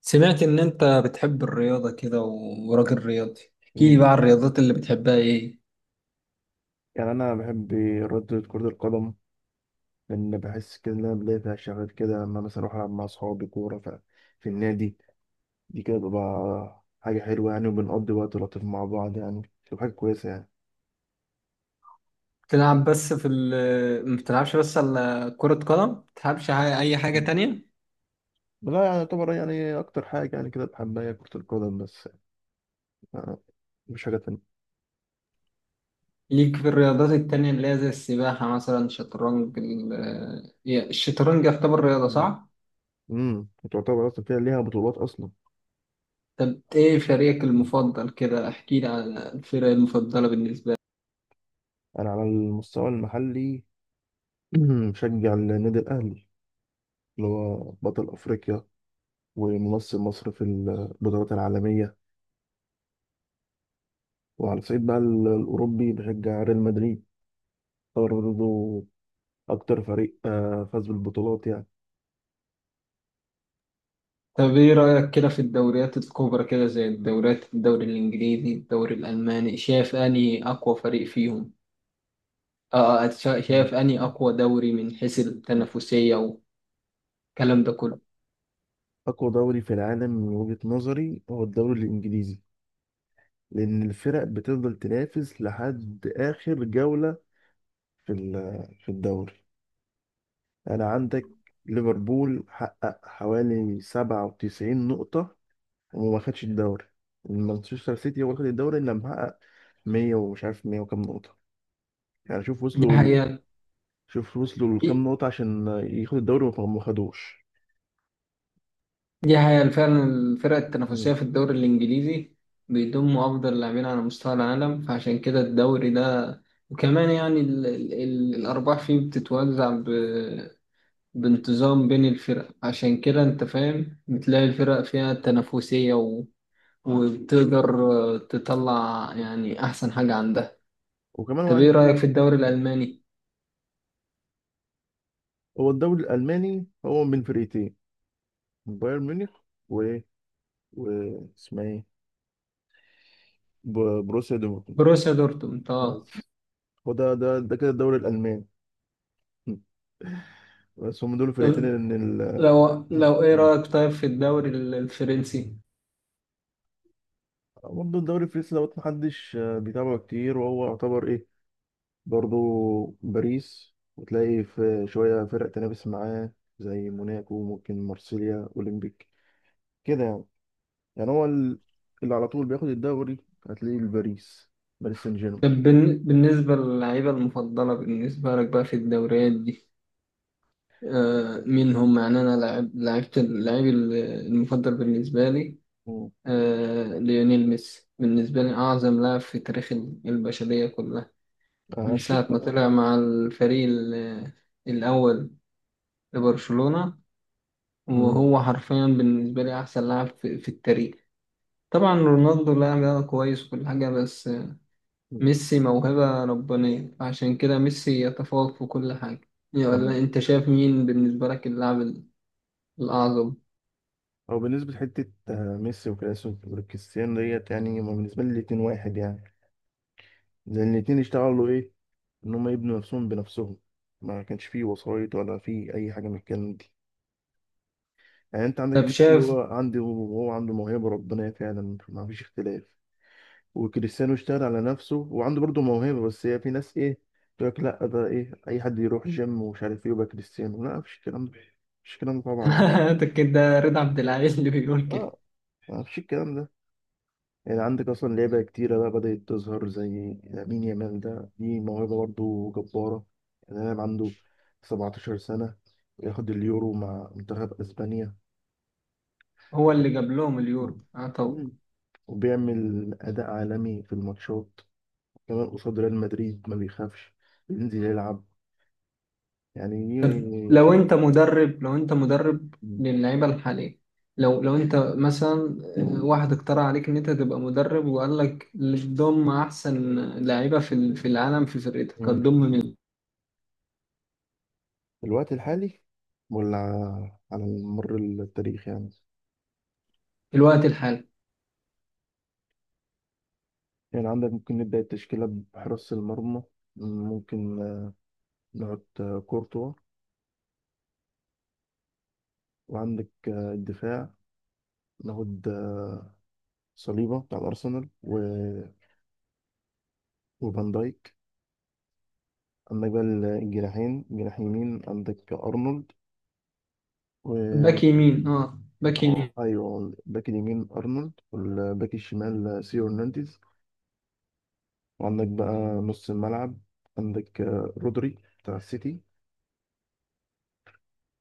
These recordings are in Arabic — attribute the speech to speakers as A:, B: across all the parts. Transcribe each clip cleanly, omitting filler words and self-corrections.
A: سمعت إن أنت بتحب الرياضة كده و- وراجل رياضي، احكي لي
B: مم.
A: بقى عن الرياضات اللي بتحبها إيه؟
B: يعني انا بحب رياضة كرة القدم، لان بحس كده ان انا بلاقي فيها شغف كده، لما مثلا اروح العب مع اصحابي كورة في النادي. دي كده بتبقى حاجة حلوة يعني، وبنقضي وقت لطيف مع بعض يعني، بتبقى حاجة كويسة يعني.
A: بتلعب بس في ال ما بتلعبش بس على كرة قدم؟ ما بتلعبش أي حاجة
B: مم.
A: تانية؟
B: لا، يعني يعتبر يعني اكتر حاجة يعني كده بحبها هي كرة القدم بس، آه، مش حاجة تانية.
A: ليك في الرياضات التانية اللي هي زي السباحة مثلا شطرنج الشطرنج يعتبر رياضة
B: مم.
A: صح؟
B: وتعتبر اصلا فيها ليها بطولات اصلا.
A: طب إيه فريقك المفضل كده؟ احكي لي عن الفرق المفضلة بالنسبة لك.
B: انا على المستوى المحلي بشجع النادي الاهلي، اللي هو بطل افريقيا وممثل مصر في البطولات العالمية. وعلى الصعيد بقى الأوروبي بشجع ريال مدريد، هو برضه أكتر فريق فاز بالبطولات يعني.
A: طب إيه رأيك كده في الدوريات الكبرى كده زي الدوري الإنجليزي، الدوري الألماني، شايف أنهي أقوى فريق فيهم؟
B: مم.
A: شايف اني اقوى دوري من حيث
B: مم.
A: التنافسيه والكلام ده كله.
B: أقوى دوري في العالم من وجهة نظري هو الدوري الإنجليزي، لأن الفرق بتفضل تنافس لحد آخر جولة في الدوري. أنا عندك ليفربول حقق حوالي 97 نقطة وما خدش الدوري، مانشستر سيتي هو اللي خد الدوري، اللي محقق 100، ومش عارف 100 وكام نقطة يعني
A: دي حقيقه.
B: شوف وصلوا لكام نقطة عشان ياخد الدوري، وما ما خدوش.
A: دي حقيقه فعلا، الفرق التنافسيه
B: مم.
A: في الدوري الانجليزي بيضم افضل لاعبين على مستوى العالم، فعشان كده الدوري ده وكمان يعني ال ال ال الارباح فيه بتتوزع بانتظام بين الفرق، عشان كده انت فاهم بتلاقي الفرق فيها تنافسيه وبتقدر تطلع يعني احسن حاجه عندها.
B: وكمان هو
A: طب ايه
B: عارف إيه؟
A: رايك في الدوري
B: مم.
A: الالماني؟
B: هو الدوري الألماني هو من فرقتين، بايرن ميونخ و و اسمها ايه، بروسيا دورتموند
A: بروسيا دورتموند اه.
B: بس. هو ده كده الدوري الألماني. مم. بس هم دول الفرقتين
A: طب
B: ان ال...
A: لو ايه رأيك طيب في الفرنسي؟
B: برضه الدوري الفرنسي دوت محدش بيتابعه كتير، وهو يعتبر ايه، برضو باريس وتلاقي في شوية فرق تنافس معاه، زي موناكو، ممكن مارسيليا أولمبيك كده يعني. يعني اللي على طول بياخد الدوري، هتلاقيه الباريس، باريس سان جيرمان.
A: طب بالنسبة للعيبة المفضلة بالنسبة لك بقى في الدوريات دي، آه مين هم؟ يعني انا لعبت المفضل بالنسبة لي
B: مم.
A: آه ليونيل ميسي. بالنسبة لي أعظم لاعب في البشرية كلها،
B: آه،
A: من
B: أكيد
A: ساعة ما طلع
B: طبعاً.
A: مع الأول لبرشلونة،
B: مم.
A: وهو حرفيا بالنسبة لي أحسن لاعب في التاريخ. طبعا رونالدو لاعب كويس وكل حاجة، بس ميسي موهبة ربانية، عشان كده ميسي يتفوق في كل حاجة يعني.
B: آه.
A: ولا أنت شايف مين بالنسبة لك الأعظم؟
B: أو بالنسبة لحتة، ميسي وكريستيانو ديت يعني، هما بالنسبة لي الاتنين واحد يعني، لأن الاتنين اشتغلوا إيه، إن هما يبنوا نفسهم بنفسهم، ما كانش فيه وسايط ولا فيه أي حاجة من الكلام. يعني انت عندك
A: طب
B: ميسي
A: شايف،
B: هو عندي، وهو عنده موهبه ربنا فعلا، ما فيش اختلاف. وكريستيانو اشتغل على نفسه وعنده برضه موهبه، بس هي في ناس ايه تقول لك، لا ده ايه، اي حد يروح جيم ومش عارف ايه يبقى كريستيانو، لا مفيش الكلام ده، مفيش الكلام ده طبعا يعني.
A: ده كده رضا عبد العال اللي بيقول كده.
B: اه، مفيش الكلام ده. يعني عندك اصلا لعيبه كتيره بقى بدات تظهر، زي لامين يامال ده، دي موهبه برضه جباره يعني. لاعب عنده 17 سنه ياخد اليورو مع منتخب اسبانيا،
A: هو اللي جاب لهم اليورو آه. طب،
B: وبيعمل أداء عالمي في الماتشات، كمان قصاد ريال مدريد ما بيخافش، بينزل يلعب
A: طب
B: يعني شك...
A: لو أنت مدرب للعيبة الحالية، لو أنت مثلا واحد اقترح عليك إن أنت تبقى مدرب وقال لك تضم أحسن لعيبة في في العالم في فرقتك،
B: مم.
A: هتضم مين؟
B: في الوقت الحالي ولا على مر التاريخ يعني.
A: في الوقت الحالي.
B: يعني عندك ممكن نبدأ التشكيلة بحراسة المرمى، ممكن ناخد كورتوا. وعندك الدفاع، ناخد صليبة بتاع الأرسنال. وفان دايك. عندك بقى الجناحين، جناح يمين عندك أرنولد و...
A: باك يمين، اه باك يمين.
B: اه، ايوه، الباك اليمين ارنولد، والباك الشمال سيو هرنانديز. وعندك بقى نص الملعب، عندك رودري بتاع السيتي،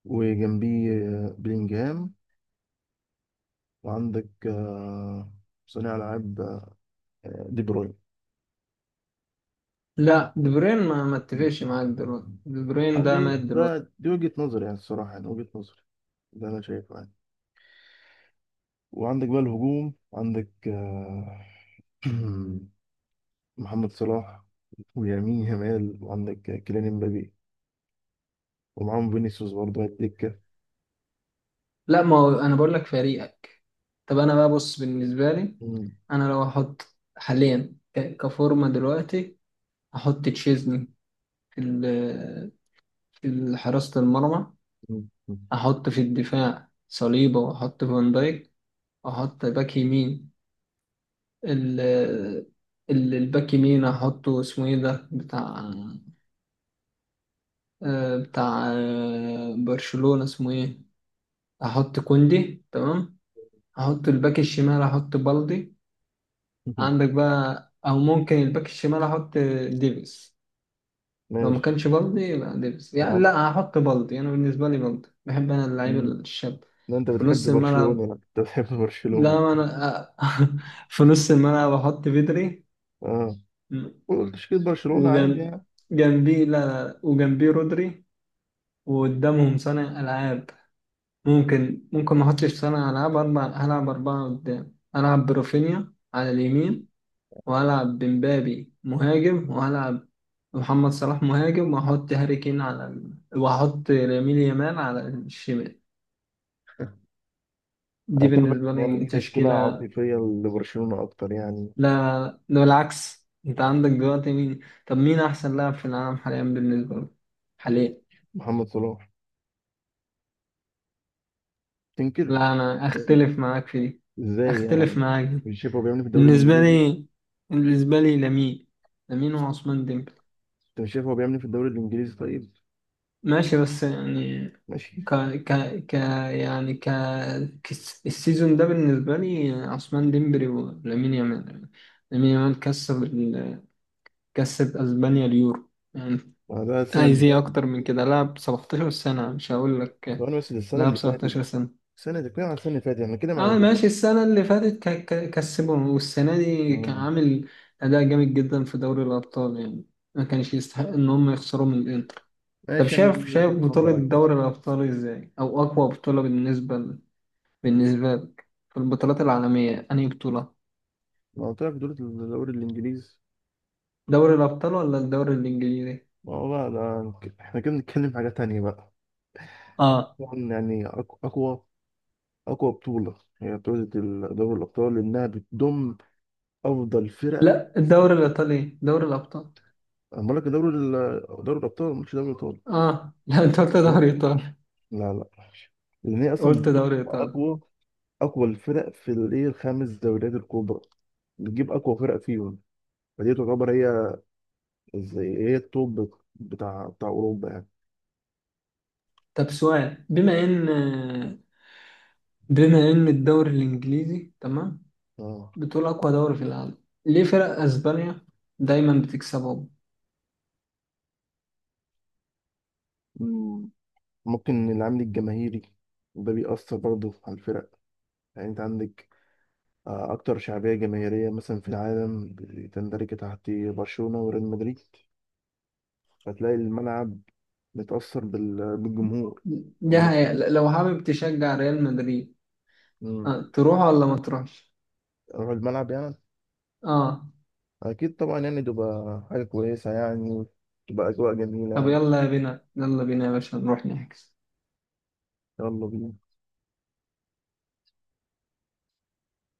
B: وجنبيه بلينجهام. وعندك صانع العاب، دي بروين.
A: لا دي بروين ما اتفقش معاك، دلوقتي دي بروين
B: آه،
A: ده
B: دي
A: مات
B: ده
A: دلوقتي.
B: دي وجهة نظري يعني، الصراحة يعني وجهة نظري، ده أنا شايفه يعني. وعندك بقى الهجوم، عندك محمد صلاح، ويمين يامال، وعندك كيليان امبابي، ومعاهم فينيسيوس برضه على الدكة.
A: لا، ما هو انا بقول لك فريقك. طب انا بقى بص، بالنسبه لي انا لو احط حاليا كفورمه دلوقتي، احط تشيزني في في حراسه المرمى.
B: مم.
A: احط في الدفاع صليبه واحط فان دايك. احط باك يمين، ال الباك يمين احطه اسمه ايه ده بتاع بتاع برشلونه اسمه ايه، احط كوندي تمام. احط الباك الشمال، احط بالدي. عندك بقى او ممكن الباك الشمال احط ديفيس، لو ما
B: ماشي.
A: كانش بالدي يبقى ديفيس
B: انا
A: يعني.
B: عارف
A: لا، هحط بالدي، انا بالنسبه لي بالدي، بحب انا اللعيب
B: إن
A: الشاب.
B: انت
A: في
B: بتحب
A: نص
B: برشلونة،
A: الملعب
B: انا كنت بتحب برشلونة.
A: لا انا، في نص الملعب احط بدري.
B: اه، قول تشكيل برشلونة عادي
A: وجنب،
B: يعني.
A: جنبي لا، وجنبي رودري، وقدامهم صانع العاب. ممكن ما احطش صانع العاب، اربع هلعب اربعه قدام، العب برافينيا على اليمين، وهلعب بمبابي مهاجم، وهلعب محمد صلاح مهاجم، وهحط هاري كين على وهحط لامين يامال على الشمال. دي
B: انا شايف
A: بالنسبة
B: إن يعني
A: لي
B: دي تشكيلة
A: تشكيلة.
B: عاطفية لبرشلونة اكتر يعني.
A: لا، ده بالعكس، انت عندك دلوقتي مين؟ طب مين احسن لاعب في العالم حاليا بالنسبة لك حاليا؟
B: محمد صلاح تنكر.
A: لا، انا اختلف معاك في دي.
B: ازاي
A: اختلف
B: يعني؟
A: معاك دي.
B: مش شايف هو بيعمل إيه في الدوري
A: بالنسبة
B: الانجليزي؟
A: لي، بالنسبة لي لامين. لامين وعثمان ديمبلي.
B: انت مش شايف هو بيعمل إيه في الدوري الانجليزي؟ طيب،
A: ماشي بس يعني،
B: ماشي.
A: ك ك ك يعني السيزون ده بالنسبة لي عثمان ديمبلي ولامين يامال. لامين يامال كسب اسبانيا اليورو يعني،
B: ما ده السنة
A: عايز
B: اللي
A: ايه
B: فاتت.
A: اكتر من كده؟ لعب 17 سنة، مش هقول لك
B: ثواني بس، ده السنة
A: لعب
B: اللي فاتت.
A: 17 سنة.
B: السنة دي كده على السنة اللي فاتت يعني كده مع
A: اه ماشي،
B: دلوقتي.
A: السنة اللي فاتت كسبهم، والسنة دي كان
B: آه.
A: عامل أداء جامد جدا في دوري الأبطال يعني، ما كانش يستحق إن هم يخسروا من الإنتر. طب
B: ماشي، يعني
A: شايف،
B: دي
A: شايف
B: وجهة
A: بطولة
B: نظرك يعني.
A: دوري الأبطال إزاي؟ أو أقوى بطولة بالنسبة بالنسبة لك في البطولات العالمية أنهي بطولة؟
B: ما قلت لك دول الدوري الانجليزي.
A: دوري الأبطال ولا الدوري الإنجليزي؟
B: ما هو بقى ده، احنا كده بنتكلم في حاجة تانية بقى.
A: آه
B: طبعا يعني أقوى أقوى بطولة، هي بطولة دوري الأبطال، لأنها بتضم أفضل فرق.
A: لا، الدوري الإيطالي دوري الأبطال.
B: أنا بقول لك دوري الأبطال، مش دوري الأبطال.
A: آه لا، أنت قلت
B: لا،
A: دوري إيطالي.
B: لا، لا، لأن هي أصلا
A: قلت
B: بتضم
A: دوري إيطالي.
B: أقوى أقوى الفرق في الإيه الخمس دوريات الكبرى، بتجيب أقوى فرق فيهم. فدي تعتبر هي، زي هي التوب بتاع أوروبا يعني.
A: طب سؤال، بما إن الدوري الإنجليزي تمام،
B: آه.
A: بتقول أقوى دوري في العالم، ليه فرق أسبانيا دايما بتكسبهم؟
B: مم. ممكن العامل الجماهيري ده بيأثر برضه على الفرق. يعني أنت عندك أكتر شعبية جماهيرية مثلا في العالم بتندرج تحت برشلونة وريال مدريد، فتلاقي الملعب متأثر بالجمهور في
A: ده هي...
B: الماتشات.
A: لو حابب تشجع ريال مدريد،
B: مم.
A: آه. تروح ولا ما تروحش؟
B: أروح الملعب يعني؟
A: اه
B: أكيد طبعا يعني، تبقى حاجة كويسة يعني، تبقى أجواء جميلة
A: طب،
B: يعني.
A: يلا بينا، يلا بينا يا باشا نروح نحجز
B: يلا بينا.